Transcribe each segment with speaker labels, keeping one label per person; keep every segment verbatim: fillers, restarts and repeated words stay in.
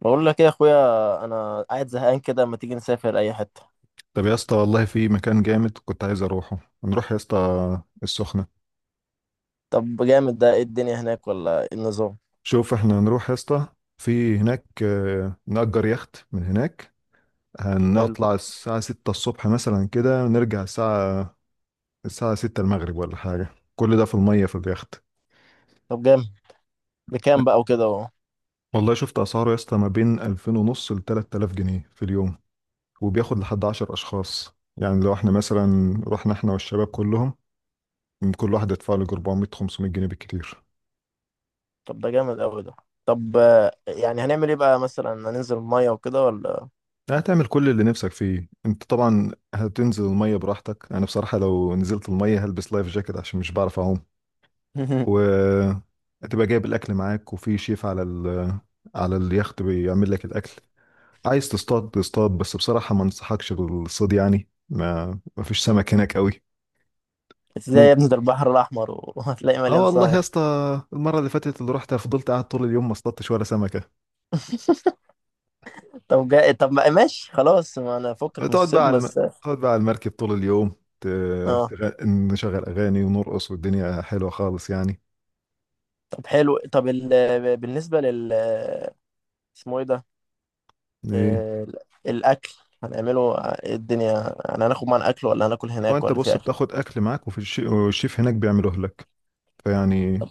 Speaker 1: بقول لك ايه يا اخويا؟ انا قاعد زهقان كده، ما تيجي نسافر اي حته؟
Speaker 2: طب يا اسطى، والله في مكان جامد كنت عايز اروحه. هنروح يا اسطى السخنة.
Speaker 1: طب جامد. ده ايه الدنيا هناك ولا ايه النظام؟
Speaker 2: شوف، احنا هنروح يا اسطى في هناك، آه، نأجر يخت من هناك.
Speaker 1: حلو.
Speaker 2: هنطلع الساعة ستة الصبح مثلا كده، نرجع الساعة الساعة ستة المغرب ولا حاجة. كل ده في المية في اليخت.
Speaker 1: طب جامد. بكام بقى وكده اهو؟
Speaker 2: والله شفت أسعاره يا اسطى ما بين ألفين ونص لتلات آلاف جنيه في اليوم، وبياخد لحد عشر أشخاص. يعني لو احنا مثلا رحنا احنا والشباب كلهم، كل واحد يدفع له أربعمية خمسمية جنيه بالكتير.
Speaker 1: طب ده جامد قوي ده. طب، آه، يعني هنعمل ايه بقى؟ مثلا هننزل الميه وكده ولا؟
Speaker 2: هتعمل كل اللي نفسك فيه انت طبعا، هتنزل المية براحتك. انا بصراحة لو نزلت المية هلبس لايف جاكيت عشان مش بعرف اعوم. و هتبقى جايب الاكل معاك، وفي شيف على ال... على اليخت بيعمل لك الاكل. عايز تصطاد تصطاد، بس بصراحة ما انصحكش بالصيد، يعني ما ما فيش سمك هناك قوي.
Speaker 1: ازاي يا
Speaker 2: ممكن.
Speaker 1: ابني؟ ده البحر الاحمر و- وهتلاقي
Speaker 2: اه
Speaker 1: مليان
Speaker 2: والله يا
Speaker 1: سمك.
Speaker 2: اسطى، المرة اللي فاتت اللي رحت فضلت قاعد طول اليوم ما اصطادتش ولا سمكة.
Speaker 1: طب جا... طب ما- ماشي خلاص، ما انا فكك من
Speaker 2: تقعد
Speaker 1: الصيد
Speaker 2: بقى على الم...
Speaker 1: بس.
Speaker 2: تقعد بقى على المركب طول اليوم. ت...
Speaker 1: اه،
Speaker 2: تغ... نشغل اغاني ونرقص والدنيا حلوه خالص يعني.
Speaker 1: طب حلو. طب ال... بالنسبه لل اسمه ايه ده؟
Speaker 2: ايه،
Speaker 1: آه، الاكل، هنعمله إيه الدنيا؟ يعني هناخد معانا اكل ولا هناكل
Speaker 2: ما
Speaker 1: هناك
Speaker 2: انت
Speaker 1: ولا في
Speaker 2: بص،
Speaker 1: اكل؟
Speaker 2: بتاخد اكل معاك وفي الشي... والشيف هناك بيعمله لك. فيعني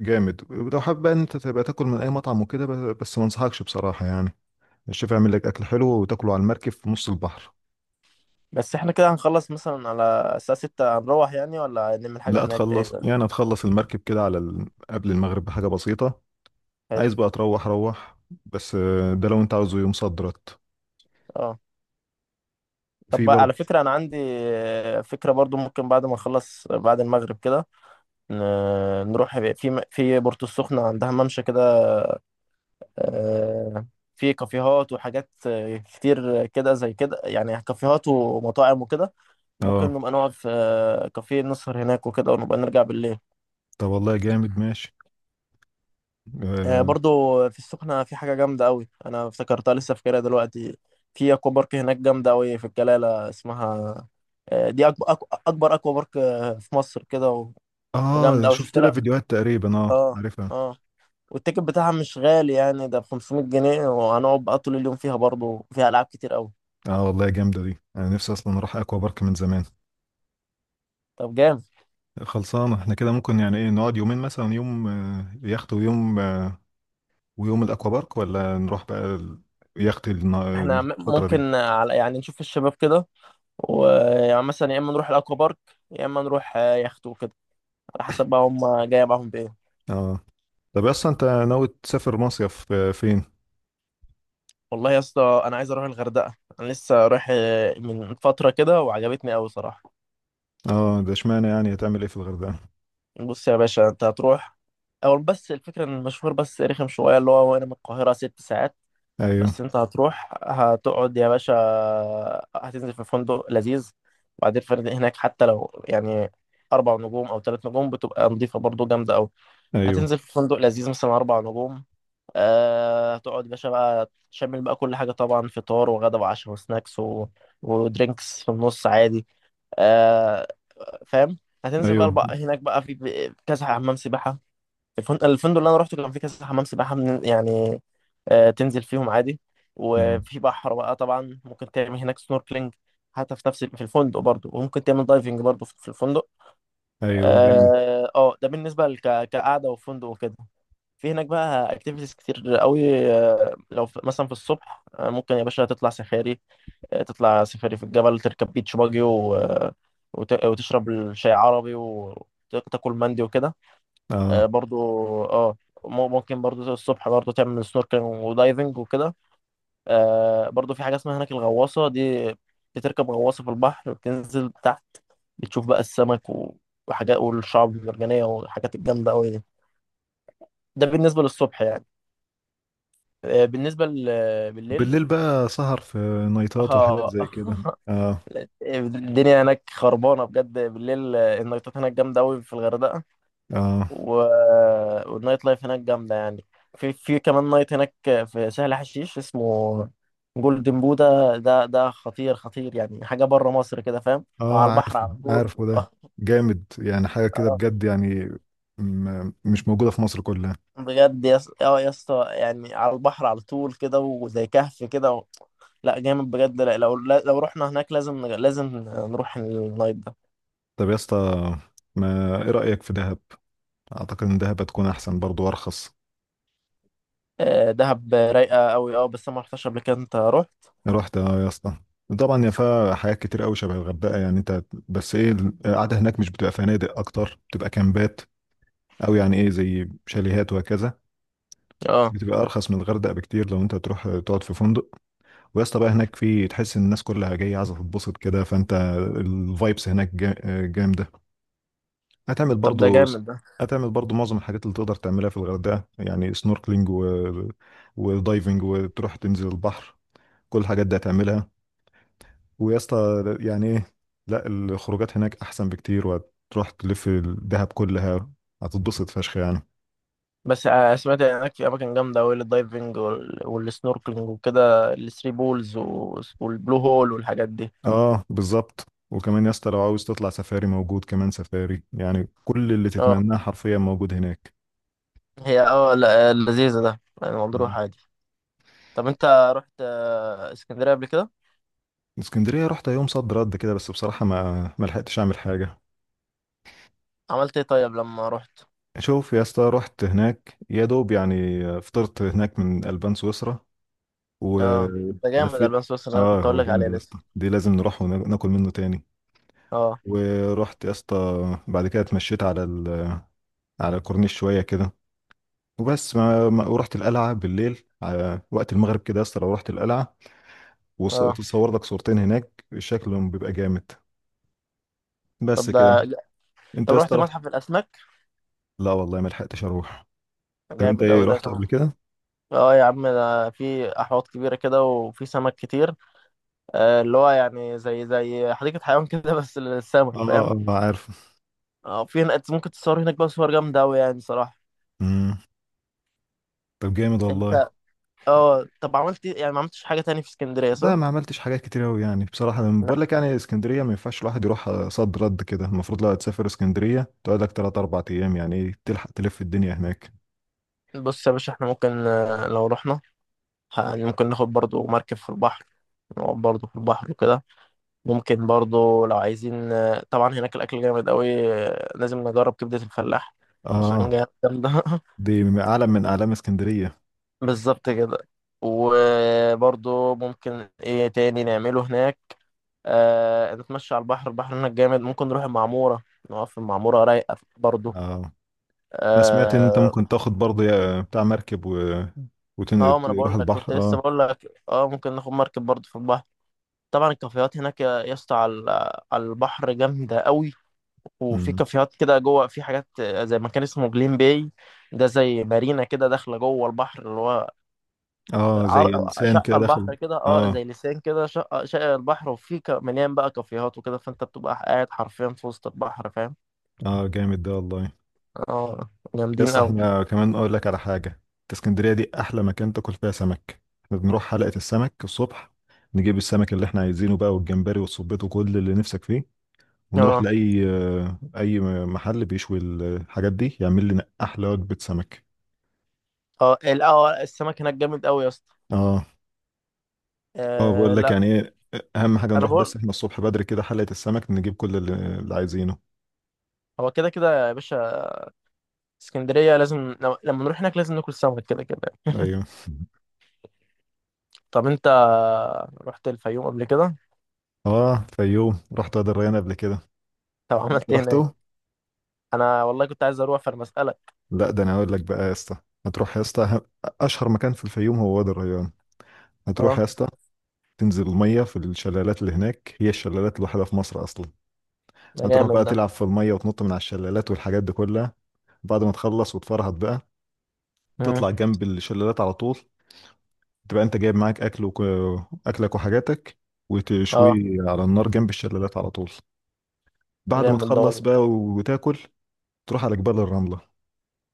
Speaker 2: جامد. ولو حابب بقى إن انت تبقى تاكل من اي مطعم وكده، ب- بس ما انصحكش بصراحه، يعني الشيف يعمل لك اكل حلو وتاكله على المركب في نص البحر.
Speaker 1: بس احنا كده هنخلص مثلا على الساعه ستة، هنروح يعني؟ ولا نعمل حاجه
Speaker 2: لا
Speaker 1: هناك تاني
Speaker 2: تخلص،
Speaker 1: ولا؟
Speaker 2: يعني هتخلص المركب كده على ال... قبل المغرب بحاجه بسيطه.
Speaker 1: حلو.
Speaker 2: عايز بقى تروح، روح. بس آه، ده لو انت عاوزه يوم صدرت
Speaker 1: اه، طب
Speaker 2: في
Speaker 1: بقى على
Speaker 2: برضه.
Speaker 1: فكره، انا عندي آه، فكره برضو. ممكن بعد ما نخلص بعد المغرب كده ن- نروح في م- في بورتو السخنه، عندها ممشى كده. آه، في كافيهات وحاجات آه، كتير كده، زي كده يعني، كافيهات ومطاعم وكده. ممكن
Speaker 2: اه
Speaker 1: نبقى نقعد في آه، كافيه، نسهر هناك وكده ونبقى نرجع بالليل.
Speaker 2: طب والله جامد، ماشي.
Speaker 1: آه،
Speaker 2: اه
Speaker 1: برضو في السخنة في حاجة جامدة أوي، أنا افتكرتها لسه فاكرها دلوقتي. في أكوا بارك هناك جامدة أوي، في الجلالة اسمها. آه، دي أكبر أكبر أكوا بارك آه، في مصر كده و-
Speaker 2: آه،
Speaker 1: وجامدة أوي
Speaker 2: شفت
Speaker 1: شفت
Speaker 2: لها
Speaker 1: لها.
Speaker 2: فيديوهات تقريبا، اه
Speaker 1: اه.
Speaker 2: عارفها.
Speaker 1: اه. والتيكت بتاعها مش غالي يعني، ده ب خمسمية جنيه، وهنقعد بقى طول اليوم فيها. برضو فيها ألعاب كتير أوي.
Speaker 2: اه والله جامده دي، انا نفسي اصلا اروح اكوا بارك من زمان.
Speaker 1: طب جامد.
Speaker 2: خلصانه احنا كده. ممكن يعني ايه نقعد يومين مثلا، يوم آه، يخت، ويوم آه، ويوم الاكوا بارك، ولا نروح بقى ال- يخت النا-
Speaker 1: احنا م-
Speaker 2: الفتره دي.
Speaker 1: ممكن على يعني، نشوف الشباب كده ويعني مثلا، يا إما نروح الأكوا بارك، يا إما نروح آه، يخت وكده، على حسب بقى هم جاية معاهم بإيه.
Speaker 2: اه، طب اصلا انت ناوي تسافر مصيف آه، فين؟
Speaker 1: والله يا اسطى، انا عايز اروح الغردقه. انا لسه رايح آه، من فتره كده، وعجبتني قوي صراحه.
Speaker 2: اه ده اشمعنى، يعني هتعمل ايه في الغردقه؟
Speaker 1: بص يا باشا، انت هتروح. اول بس الفكره ان المشوار بس رخم شويه، اللي هو وانا من القاهره ست ساعات.
Speaker 2: ايوه.
Speaker 1: بس انت هتروح، هتقعد يا باشا. هتنزل في فندق لذيذ. وبعدين الفنادق هناك حتى لو يعني، اربع نجوم او ثلاث نجوم، بتبقى نظيفه برضو جامده قوي.
Speaker 2: ايوه.
Speaker 1: هتنزل في فندق لذيذ مثلا اربع نجوم. آه، هتقعد يا باشا بقى، تشمل بقى كل حاجة طبعا: فطار وغدا وعشاء وسناكس و... ودرينكس في النص عادي. آه، فاهم. هتنزل بقى
Speaker 2: ايوه.
Speaker 1: بقى هناك بقى في في كذا حمام سباحة. الفن- الفندق اللي أنا روحته كان فيه كذا حمام سباحة من... يعني، آه، تنزل فيهم عادي.
Speaker 2: آه،
Speaker 1: وفي بحر بقى طبعا، ممكن تعمل هناك سنوركلينج حتى في نفس في الفندق برضو، وممكن تعمل دايفنج برضو في في الفندق.
Speaker 2: ايوه جامد.
Speaker 1: اه، آه، ده بالنسبة لك كقعدة وفندق وكده. في هناك بقى اكتيفيتيز كتير قوي. آه، لو في مثلا في الصبح، آه، ممكن يا باشا تطلع سفاري. آه، تطلع سفاري في الجبل، تركب بيتش باجي و... آه، وت... وتشرب الشاي عربي وتاكل مندي وكده.
Speaker 2: اه
Speaker 1: آه، برضو. اه، مم- ممكن برضو الصبح برضو تعمل سنوركلينج ودايفنج وكده. آه، برضو في حاجة اسمها هناك الغواصة دي. بتركب غواصة في البحر، بتنزل تحت، بتشوف بقى السمك و... وحاجات، والشعب المرجانية والحاجات الجامدة قوي دي. ده بالنسبة للصبح يعني. آه، بالنسبة ل- بالليل.
Speaker 2: بالليل بقى سهر في نايتات وحاجات
Speaker 1: اه.
Speaker 2: زي كده، اه.
Speaker 1: الدنيا هناك خربانة بجد بالليل، آه، النايتات هناك جامدة أوي في الغردقة
Speaker 2: اه
Speaker 1: و... والنايت لايف هناك جامدة يعني. في في كمان نايت هناك في سهل حشيش اسمه جولدن بودا. ده ده خطير خطير يعني، حاجة بره مصر كده، فاهم؟
Speaker 2: اه
Speaker 1: على البحر
Speaker 2: عارفه،
Speaker 1: على طول.
Speaker 2: عارفه ده. جامد يعني، حاجة كده بجد يعني، م- مش موجودة في مصر كلها.
Speaker 1: بجد يا اسطى. اه يا اسطى، يعني على البحر على طول كده، وزي كهف كده و... لا جامد بجد، لا. لو لو رحنا هناك لازم لازم نروح النايت ده.
Speaker 2: طب يا اسطى، ما ايه رأيك في دهب؟ اعتقد ان دهب هتكون احسن برضو وارخص.
Speaker 1: آه، دهب رايقه قوي. اه بس انا ما رحتش قبل كده. انت رحت؟
Speaker 2: رحت، اه يا اسطى. طبعا، يا فيها حاجات كتير قوي شبه الغردقة يعني انت. بس ايه، القعدة هناك مش بتبقى فنادق اكتر، بتبقى كامبات، او يعني ايه زي شاليهات وهكذا.
Speaker 1: اه.
Speaker 2: بتبقى ارخص من الغردقة بكتير لو انت تروح تقعد في فندق. ويا اسطى بقى هناك، في تحس ان الناس كلها جايه عايزه تتبسط كده، فانت الفايبس هناك جا- جامده. هتعمل
Speaker 1: طب ده
Speaker 2: برضو.
Speaker 1: جامد ده.
Speaker 2: هتعمل برضو معظم الحاجات اللي تقدر تعملها في الغردقه، يعني سنوركلينج و... ودايفنج، وتروح تنزل البحر. كل الحاجات دي هتعملها. ويا اسطى، يعني ايه، لا، الخروجات هناك احسن بكتير، وهتروح تلف الدهب كلها، هتتبسط فشخ يعني.
Speaker 1: بس آه، سمعت هناك في اماكن جامده قوي للدايفنج وال- والسنوركلينج وكده، الثري بولز و- والبلو هول والحاجات دي.
Speaker 2: اه بالظبط. وكمان يا اسطى، لو عاوز تطلع سفاري، موجود كمان سفاري. يعني كل اللي تتمناه
Speaker 1: اه.
Speaker 2: حرفيا موجود هناك.
Speaker 1: هي اه لا، لذيذه ده يعني، مضروح عادي. طب انت، رحت آه، اسكندريه قبل كده؟
Speaker 2: اسكندرية رحت يوم صد رد كده، بس بصراحة ما ما لحقتش أعمل حاجة.
Speaker 1: عملت ايه طيب لما رحت؟
Speaker 2: شوف يا اسطى، رحت هناك يا دوب يعني. فطرت هناك من ألبان سويسرا
Speaker 1: اه، ده جامد، البان
Speaker 2: ولفيت.
Speaker 1: سويسرا اللي انا
Speaker 2: اه
Speaker 1: كنت اقول
Speaker 2: هو
Speaker 1: لك
Speaker 2: جامد
Speaker 1: عليه
Speaker 2: يا
Speaker 1: لسه.
Speaker 2: اسطى، دي لازم نروح وناكل منه تاني.
Speaker 1: اه.
Speaker 2: ورحت يا اسطى بعد كده، اتمشيت على ال... على الكورنيش شوية كده. وبس ما... ما... ورحت القلعة بالليل على وقت المغرب كده. يا اسطى لو رحت القلعة
Speaker 1: اه.
Speaker 2: وتصور لك صورتين هناك، شكلهم بيبقى جامد. بس
Speaker 1: طب
Speaker 2: كده.
Speaker 1: ده،
Speaker 2: انت
Speaker 1: طب
Speaker 2: يا
Speaker 1: رحت
Speaker 2: اسطى رحت؟
Speaker 1: متحف الاسماك؟
Speaker 2: لا والله، ما لحقتش اروح. طب انت
Speaker 1: جامد
Speaker 2: ايه
Speaker 1: اوي ده
Speaker 2: رحت
Speaker 1: كمان.
Speaker 2: قبل كده؟
Speaker 1: اه يا عم، ده في احواض كبيره كده وفي سمك كتير. آه اللي هو يعني، زي زي حديقه حيوان كده بس للسمك،
Speaker 2: اه.
Speaker 1: فاهم؟
Speaker 2: اه عارف.
Speaker 1: اه، في هناك ممكن تصور هناك بقى صور جامده اوي يعني صراحه.
Speaker 2: امم طب جامد والله.
Speaker 1: انت اه، طب عملت إيه؟ يعني ما عملتش حاجه تاني في اسكندريه
Speaker 2: ده
Speaker 1: صح؟
Speaker 2: ما عملتش حاجات كتير قوي يعني، بصراحه انا بقول
Speaker 1: لا،
Speaker 2: لك يعني اسكندريه ما ينفعش الواحد يروح صد رد كده. المفروض لو هتسافر اسكندريه تقعد لك ثلاث أربعة ايام، يعني ايه تلحق تلف الدنيا هناك.
Speaker 1: بص يا باشا، احنا ممكن آه، لو رحنا، ه- ممكن ناخد برضو مركب في البحر، نقعد برضو في البحر وكده. ممكن برضو لو عايزين. طبعا هناك الأكل جامد قوي. لازم نجرب كبدة الفلاح عشان
Speaker 2: اه
Speaker 1: جامد، جامدة.
Speaker 2: دي اعلى من اعلام اسكندريه.
Speaker 1: بالظبط كده. وبرضو، ممكن ايه تاني نعمله هناك؟ آه نتمشى على البحر. البحر هناك جامد. ممكن نروح المعمورة، نقف في المعمورة، رايقة برضو.
Speaker 2: اه انا سمعت ان انت
Speaker 1: اه.
Speaker 2: ممكن تاخد برضه يا- بتاع مركب و...
Speaker 1: آه، ما انا
Speaker 2: وتروح
Speaker 1: بقول لك كنت
Speaker 2: البحر،
Speaker 1: لسه
Speaker 2: اه.
Speaker 1: بقول لك، اه، ممكن ناخد مركب برضو في البحر. طبعا الكافيهات هناك يا يا اسطى، على على البحر جامدة قوي. وفي
Speaker 2: امم
Speaker 1: كافيهات كده جوه، في حاجات زي مكان اسمه جليم باي. ده زي مارينا كده، داخله جوه البحر، اللي هو،
Speaker 2: اه زي
Speaker 1: عر...
Speaker 2: لسان كده
Speaker 1: شقه
Speaker 2: داخل.
Speaker 1: البحر كده، اه
Speaker 2: اه.
Speaker 1: زي لسان كده، شقه شقه البحر، وفي ك... مليان بقى كافيهات وكده، فانت بتبقى قاعد حرفيا في وسط البحر، فاهم؟
Speaker 2: اه جامد ده والله.
Speaker 1: اه جامدين
Speaker 2: يس،
Speaker 1: قوي.
Speaker 2: احنا كمان اقول لك على حاجه. إنت اسكندريه دي احلى مكان تاكل فيها سمك. احنا بنروح حلقه السمك الصبح، نجيب السمك اللي احنا عايزينه بقى، والجمبري والصبيط وكل اللي نفسك فيه، ونروح
Speaker 1: اه.
Speaker 2: لاي آه، اي محل بيشوي الحاجات دي، يعمل لنا احلى وجبه سمك.
Speaker 1: اه. ال- اه السمك هناك جامد قوي يا اسطى.
Speaker 2: اه. اه
Speaker 1: آه
Speaker 2: بقول لك
Speaker 1: لا.
Speaker 2: يعني ايه، اهم حاجه
Speaker 1: انا
Speaker 2: نروح بس
Speaker 1: بقول،
Speaker 2: احنا الصبح بدري كده حلقه السمك، نجيب كل اللي, اللي عايزينه.
Speaker 1: هو كده كده يا باشا. اسكندريه لازم لو- لما نروح هناك لازم ناكل سمك كده كده.
Speaker 2: ايوه.
Speaker 1: طب انت، رحت الفيوم قبل كده؟
Speaker 2: اه فيوم رحت، وادي الريان قبل كده.
Speaker 1: طب
Speaker 2: انت
Speaker 1: عملت ايه هناك؟
Speaker 2: رحته؟
Speaker 1: انا والله كنت عايز اروح، فانا بسألك.
Speaker 2: لا، ده انا اقول لك بقى يا اسطى. هتروح يا اسطى ه- اشهر مكان في الفيوم هو وادي الريان. هتروح
Speaker 1: اه
Speaker 2: يا اسطى تنزل الميه في الشلالات اللي هناك، هي الشلالات الوحيده في مصر اصلا.
Speaker 1: ده
Speaker 2: هتروح
Speaker 1: جامد
Speaker 2: بقى
Speaker 1: ده.
Speaker 2: تلعب في الميه وتنط من على الشلالات والحاجات دي كلها. بعد ما تخلص وتفرهد بقى،
Speaker 1: مم.
Speaker 2: تطلع جنب الشلالات على طول، تبقى انت جايب معاك اكل وك... اكلك وحاجاتك، وتشويه
Speaker 1: اه
Speaker 2: على النار جنب الشلالات على طول. بعد ما
Speaker 1: جامد ده
Speaker 2: تخلص بقى
Speaker 1: والله.
Speaker 2: وتاكل، تروح على جبال الرملة.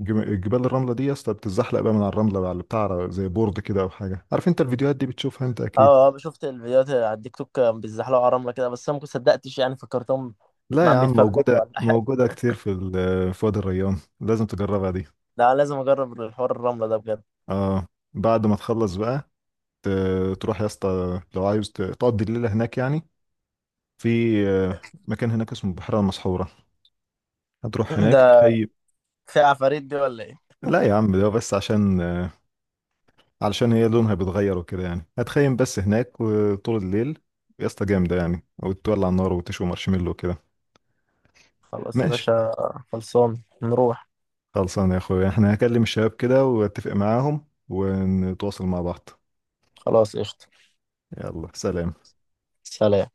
Speaker 2: جم- جبال الرملة دي يا اسطى بتتزحلق بقى من على الرملة على بتاع زي بورد كده أو حاجة. عارف أنت الفيديوهات دي بتشوفها أنت
Speaker 1: اه،
Speaker 2: أكيد.
Speaker 1: اه، آه، شفت الفيديوهات على التيك توك، كانوا بيزحلقوا على الرمله كده، بس انا ما صدقتش يعني، فكرتهم
Speaker 2: لا
Speaker 1: ما
Speaker 2: يا
Speaker 1: عم
Speaker 2: عم،
Speaker 1: بيتفبركوا
Speaker 2: موجودة،
Speaker 1: ولا حاجه.
Speaker 2: موجودة كتير في ال- في وادي الريان، لازم تجربها دي.
Speaker 1: ده أنا لازم اجرب الحوار الرمله ده بجد.
Speaker 2: اه. بعد ما تخلص بقى ت- تروح يا اسطى لو عايز ت- تقضي الليلة هناك يعني. في آه، مكان هناك اسمه البحيرة المسحورة، هتروح هناك
Speaker 1: ده
Speaker 2: تخيم.
Speaker 1: في عفاريت دي ولا ايه؟
Speaker 2: لا يا عم، ده بس عشان آه، علشان هي لونها بيتغير وكده يعني. هتخيم بس هناك، وطول الليل يا اسطى جامدة يعني، وتولع النار وتشوي مارشميلو وكده.
Speaker 1: خلاص يا
Speaker 2: ماشي.
Speaker 1: باشا. خلصان نروح.
Speaker 2: خلصان يا اخويا، احنا هكلم الشباب كده واتفق معاهم ونتواصل مع بعض.
Speaker 1: خلاص قشطه.
Speaker 2: يلا سلام.
Speaker 1: سلام.